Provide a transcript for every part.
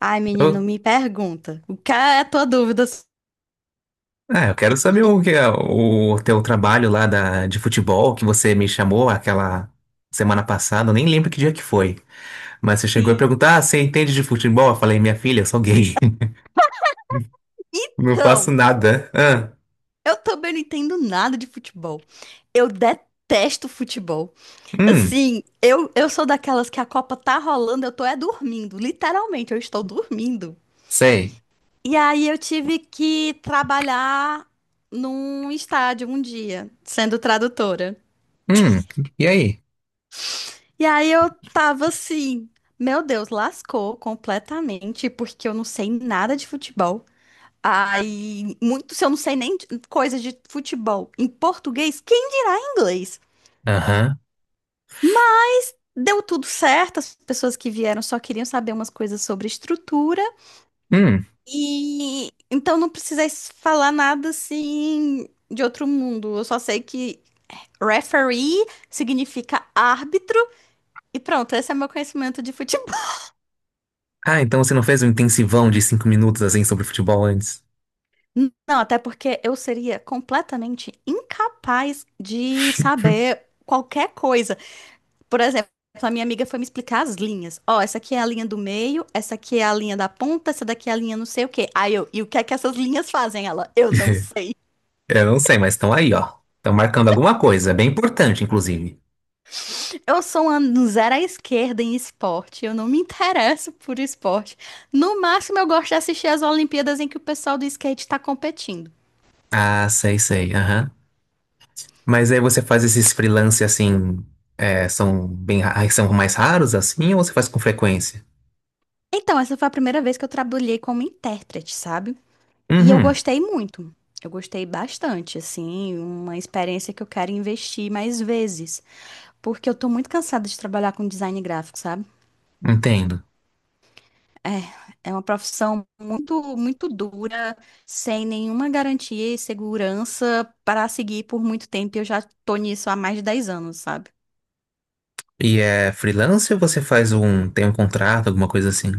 Ai, menino, Eu, me pergunta. O que é a tua dúvida? Eu quero saber o que é o teu trabalho lá de futebol que você me chamou aquela semana passada. Eu nem lembro que dia que foi. Mas você chegou e Sim. perguntou: ah, você entende de futebol? Eu falei, minha filha, eu sou gay. Não faço Então, nada. Eu também não entendo nada de futebol. Eu detesto futebol. hum, Assim, eu sou daquelas que a Copa tá rolando, eu tô é dormindo. Literalmente, eu estou dormindo. Sei. E aí eu tive que trabalhar num estádio um dia, sendo tradutora. Hum, e aí? E aí eu tava assim, meu Deus, lascou completamente, porque eu não sei nada de futebol. Aí, muito, se eu não sei nem coisa de futebol em português, quem dirá em inglês? Aham. Mas deu tudo certo, as pessoas que vieram só queriam saber umas coisas sobre estrutura, Hum. e então não precisei falar nada assim de outro mundo. Eu só sei que referee significa árbitro, e pronto, esse é meu conhecimento de futebol. Ah, então você não fez um intensivão de 5 minutos assim sobre futebol antes? Não, até porque eu seria completamente incapaz de saber qualquer coisa. Por exemplo, a minha amiga foi me explicar as linhas. Ó, essa aqui é a linha do meio, essa aqui é a linha da ponta, essa daqui é a linha não sei o quê. Aí eu, e o que é que essas linhas fazem? Ela, eu não sei. Eu não sei, mas estão aí, ó. Estão marcando alguma coisa, bem importante, inclusive. Eu sou uma zero à esquerda em esporte, eu não me interesso por esporte. No máximo, eu gosto de assistir as Olimpíadas em que o pessoal do skate tá competindo. Ah, sei, sei. Aham. Mas aí você faz esses freelance assim, é, são bem, são mais raros assim, ou você faz com frequência? Então, essa foi a primeira vez que eu trabalhei como intérprete, sabe? E eu Uhum, gostei muito. Eu gostei bastante, assim, uma experiência que eu quero investir mais vezes. Porque eu tô muito cansada de trabalhar com design gráfico, sabe? entendo. É, é uma profissão muito, muito dura, sem nenhuma garantia e segurança para seguir por muito tempo. Eu já tô nisso há mais de dez anos, sabe? E é freelance ou você faz um, tem um contrato, alguma coisa assim?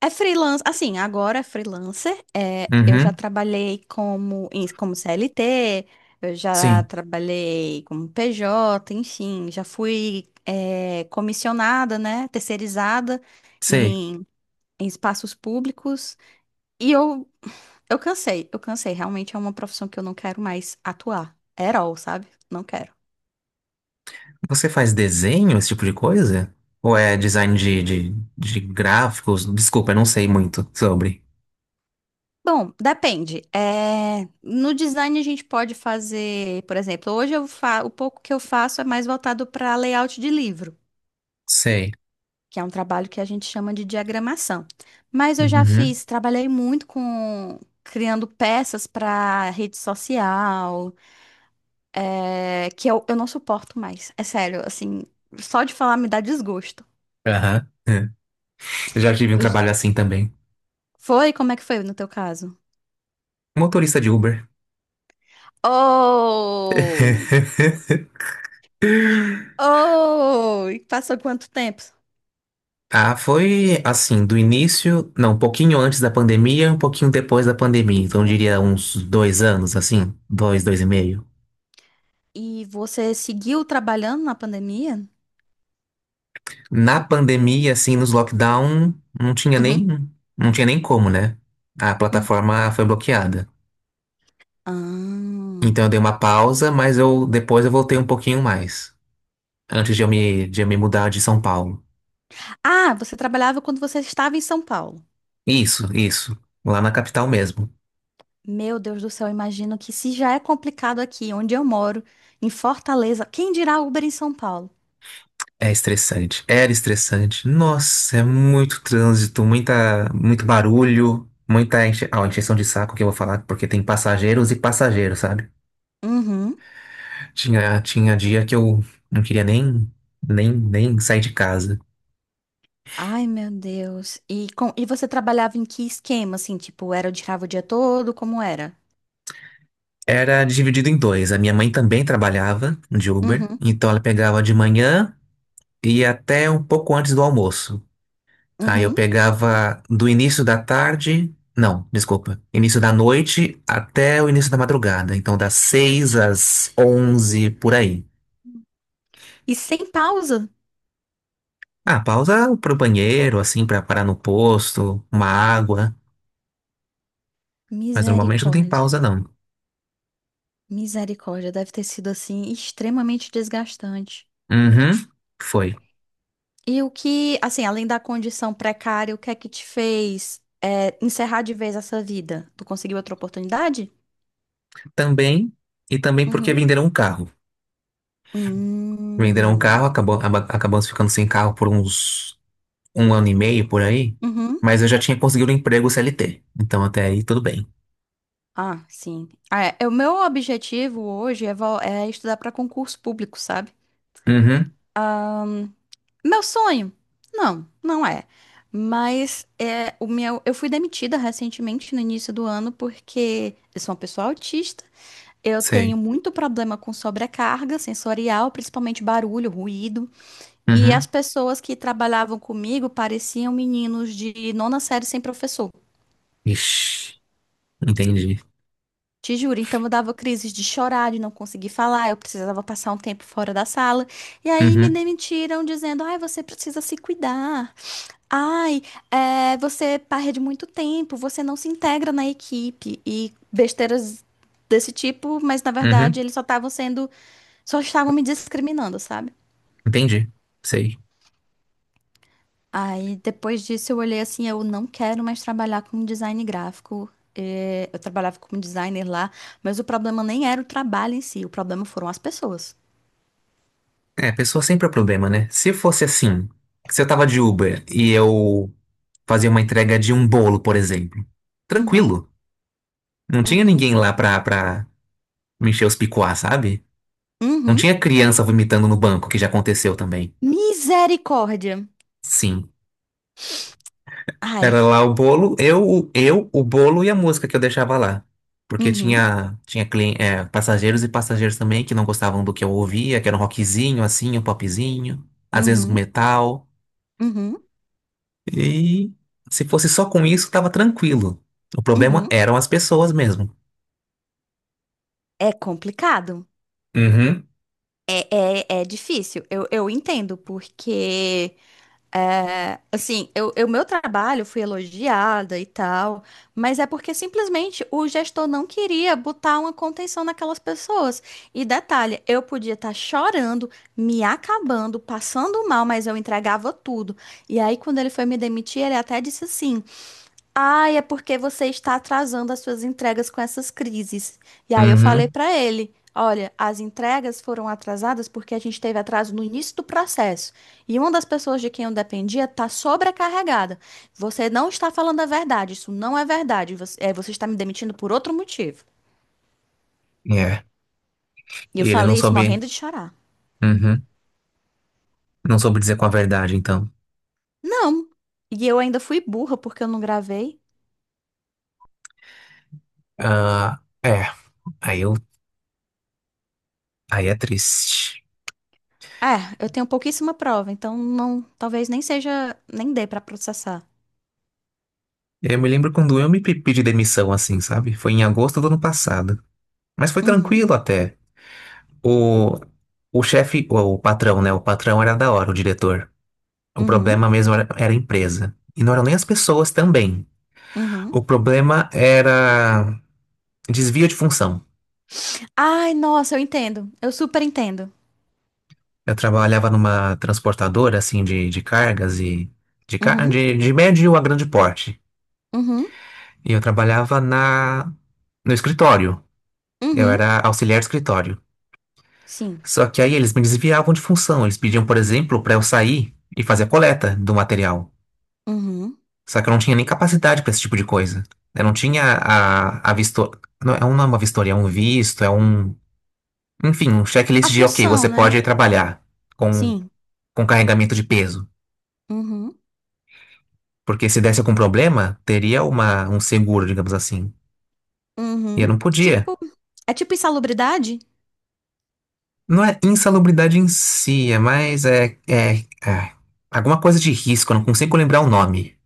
É freelance, assim, agora é freelancer. É, eu já Uhum, trabalhei como, como CLT, eu já sim, trabalhei como PJ, enfim, já fui, é, comissionada, né? Terceirizada sei. em, em espaços públicos. E eu Eu cansei, eu cansei. Realmente é uma profissão que eu não quero mais atuar. At all, sabe? Não quero. Você faz desenho, esse tipo de coisa? Ou é design de gráficos? Desculpa, eu não sei muito sobre. Bom, depende. É, no design a gente pode fazer, por exemplo, hoje eu o pouco que eu faço é mais voltado para layout de livro, Sei. que é um trabalho que a gente chama de diagramação. Mas eu já Uhum, fiz, trabalhei muito com criando peças para rede social, é, que eu não suporto mais. É sério, assim, só de falar me dá desgosto. aham, é. Eu já tive um Eu- trabalho assim também. Foi? Como é que foi no teu caso? Motorista de Uber. Oh! Oh! E passou quanto tempo? Ah, foi assim, do início, não, um pouquinho antes da pandemia, um pouquinho depois da pandemia. Então, eu diria uns 2 anos, assim, dois, dois e meio. E você seguiu trabalhando na pandemia? Na pandemia, assim, nos lockdown, não tinha Uhum, nem, não tinha nem como, né? A uhum. plataforma foi bloqueada. Então, Ah. eu dei uma pausa, mas eu depois eu voltei um pouquinho mais, antes de de eu me mudar de São Paulo. Ah, você trabalhava quando você estava em São Paulo. Isso, lá na capital mesmo. Meu Deus do céu, eu imagino que se já é complicado aqui, onde eu moro, em Fortaleza, quem dirá Uber em São Paulo? É estressante. Era estressante. Nossa, é muito trânsito, muita, muito barulho, muita enche... ah, encheção de saco que eu vou falar, porque tem passageiros e passageiros, sabe? Uhum. Tinha, tinha dia que eu não queria nem, nem sair de casa. Ai, meu Deus. E, e você trabalhava em que esquema, assim? Tipo, era o tirava o dia todo? Como era? Era dividido em dois. A minha mãe também trabalhava de Uber, Uhum, então ela pegava de manhã e ia até um pouco antes do almoço. Aí eu uhum. pegava do início da tarde, não, desculpa, início da noite até o início da madrugada. Então, das 6 às 11 por aí. E sem pausa? Ah, pausa pro banheiro, assim, pra parar no posto, uma água. Mas normalmente não tem Misericórdia. pausa, não. Misericórdia, deve ter sido assim extremamente desgastante. Uhum, foi. E o que, assim, além da condição precária, o que é que te fez é, encerrar de vez essa vida? Tu conseguiu outra oportunidade? Também, e também porque Uhum. venderam um carro. Venderam um Hum. carro, acabou, acabamos ficando sem carro por uns 1 ano e meio, por aí. Uhum. Mas eu já tinha conseguido um emprego CLT. Então, até aí, tudo bem. Ah, sim. Ah, é, é o meu objetivo hoje é, é estudar para concurso público, sabe? Uhum, Meu sonho? Não, não é. Mas é o meu, eu fui demitida recentemente no início do ano porque eu sou uma pessoa autista. Eu sei. tenho muito problema com sobrecarga sensorial, principalmente barulho, ruído. E Uhum. as pessoas que trabalhavam comigo pareciam meninos de nona série sem professor. Ixi, entendi. Te juro, então eu dava crises de chorar, de não conseguir falar, eu precisava passar um tempo fora da sala. E aí me Uhum, demitiram dizendo: ai, você precisa se cuidar. Ai, é, você perde muito tempo, você não se integra na equipe. E besteiras desse tipo, mas na uhum, verdade eles só estavam me discriminando, sabe? entendi. Sei. Aí depois disso eu olhei assim, eu não quero mais trabalhar com design gráfico. É, eu trabalhava como designer lá, mas o problema nem era o trabalho em si, o problema foram as pessoas. É, pessoa sempre é problema, né? Se fosse assim, se eu tava de Uber e eu fazia uma entrega de um bolo, por exemplo, Uhum, tranquilo. Não tinha uhum, ninguém lá pra me encher os picuá, sabe? Não uhum. tinha criança vomitando no banco, que já aconteceu também. Misericórdia. Sim. Ai, Era lá o bolo, o bolo e a música que eu deixava lá. Porque uhum, tinha, passageiros e passageiros também que não gostavam do que eu ouvia, que era um rockzinho, assim, um popzinho, às vezes um uhum, metal. uhum, E se fosse só com isso, tava tranquilo. O problema uhum. eram as pessoas mesmo. É complicado. Uhum, É, é difícil. Eu entendo, porque é, assim, meu trabalho fui elogiada e tal, mas é porque simplesmente o gestor não queria botar uma contenção naquelas pessoas. E detalhe, eu podia estar chorando, me acabando, passando mal, mas eu entregava tudo. E aí, quando ele foi me demitir, ele até disse assim. Ai, é porque você está atrasando as suas entregas com essas crises. E aí eu falei uhum, para ele, olha, as entregas foram atrasadas porque a gente teve atraso no início do processo. E uma das pessoas de quem eu dependia está sobrecarregada. Você não está falando a verdade, isso não é verdade. Você, é, você está me demitindo por outro motivo. é. E eu E ele não falei isso soube, morrendo de chorar. uhum, não soube dizer com a verdade, então. Não. E eu ainda fui burra porque eu não gravei. Ah, é, aí eu, aí é triste. É, eu tenho pouquíssima prova, então não, talvez nem seja, nem dê para processar. É, eu me lembro quando eu pedi demissão, assim, sabe? Foi em agosto do ano passado. Mas foi Uhum. tranquilo até. O, o chefe, o patrão, né? O patrão era da hora, o diretor. O Uhum. problema mesmo era, era a empresa. E não eram nem as pessoas também. Uhum. O problema era desvio de função. Ai, nossa, eu entendo. Eu super entendo. Eu trabalhava numa transportadora, assim, de cargas e... Uhum, de médio a grande porte. uhum, E eu trabalhava no escritório. Eu uhum. era auxiliar de escritório. Sim. Só que aí eles me desviavam de função. Eles pediam, por exemplo, para eu sair e fazer a coleta do material. Uhum. Só que eu não tinha nem capacidade para esse tipo de coisa. Eu não tinha a visto... Não, não é uma vistoria, é um visto, é um... Enfim, um A checklist de, ok, função, você né? pode ir trabalhar com, Sim. com carregamento de peso. Uhum, Porque se desse algum problema, teria uma, um seguro, digamos assim. E eu uhum. não podia. Tipo, é tipo insalubridade? Não é insalubridade em si, é mais... é alguma coisa de risco, eu não consigo lembrar o nome.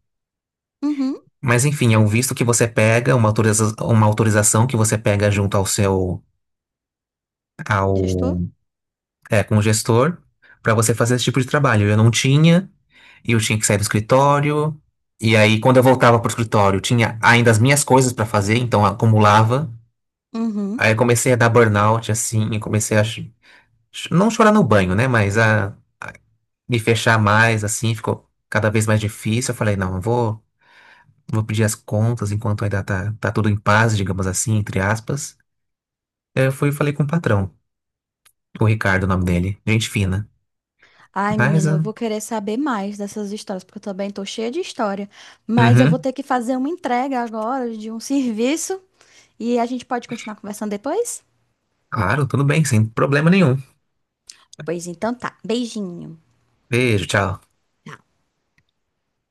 Uhum. Mas enfim, é um visto que você pega, uma uma autorização que você pega junto ao seu, Gestor? ao, é, com o gestor, para você fazer esse tipo de trabalho. Eu não tinha, e eu tinha que sair do escritório, e aí quando eu voltava pro escritório, tinha ainda as minhas coisas para fazer, então acumulava. Uhum. Aí eu comecei a dar burnout, assim, e comecei não chorar no banho, né, mas a me fechar mais, assim, ficou cada vez mais difícil. Eu falei, não, eu vou vou pedir as contas enquanto ainda tá tudo em paz, digamos assim, entre aspas. Eu fui e falei com o patrão, o Ricardo, o nome dele. Gente fina. Ai, Mas, menina, eu ah, vou querer saber mais dessas histórias, porque eu também tô cheia de história. Mas eu vou uhum, ter que fazer uma entrega agora de um serviço e a gente pode continuar conversando depois? claro, tudo bem, sem problema nenhum. Pois então tá. Beijinho. Beijo, tchau.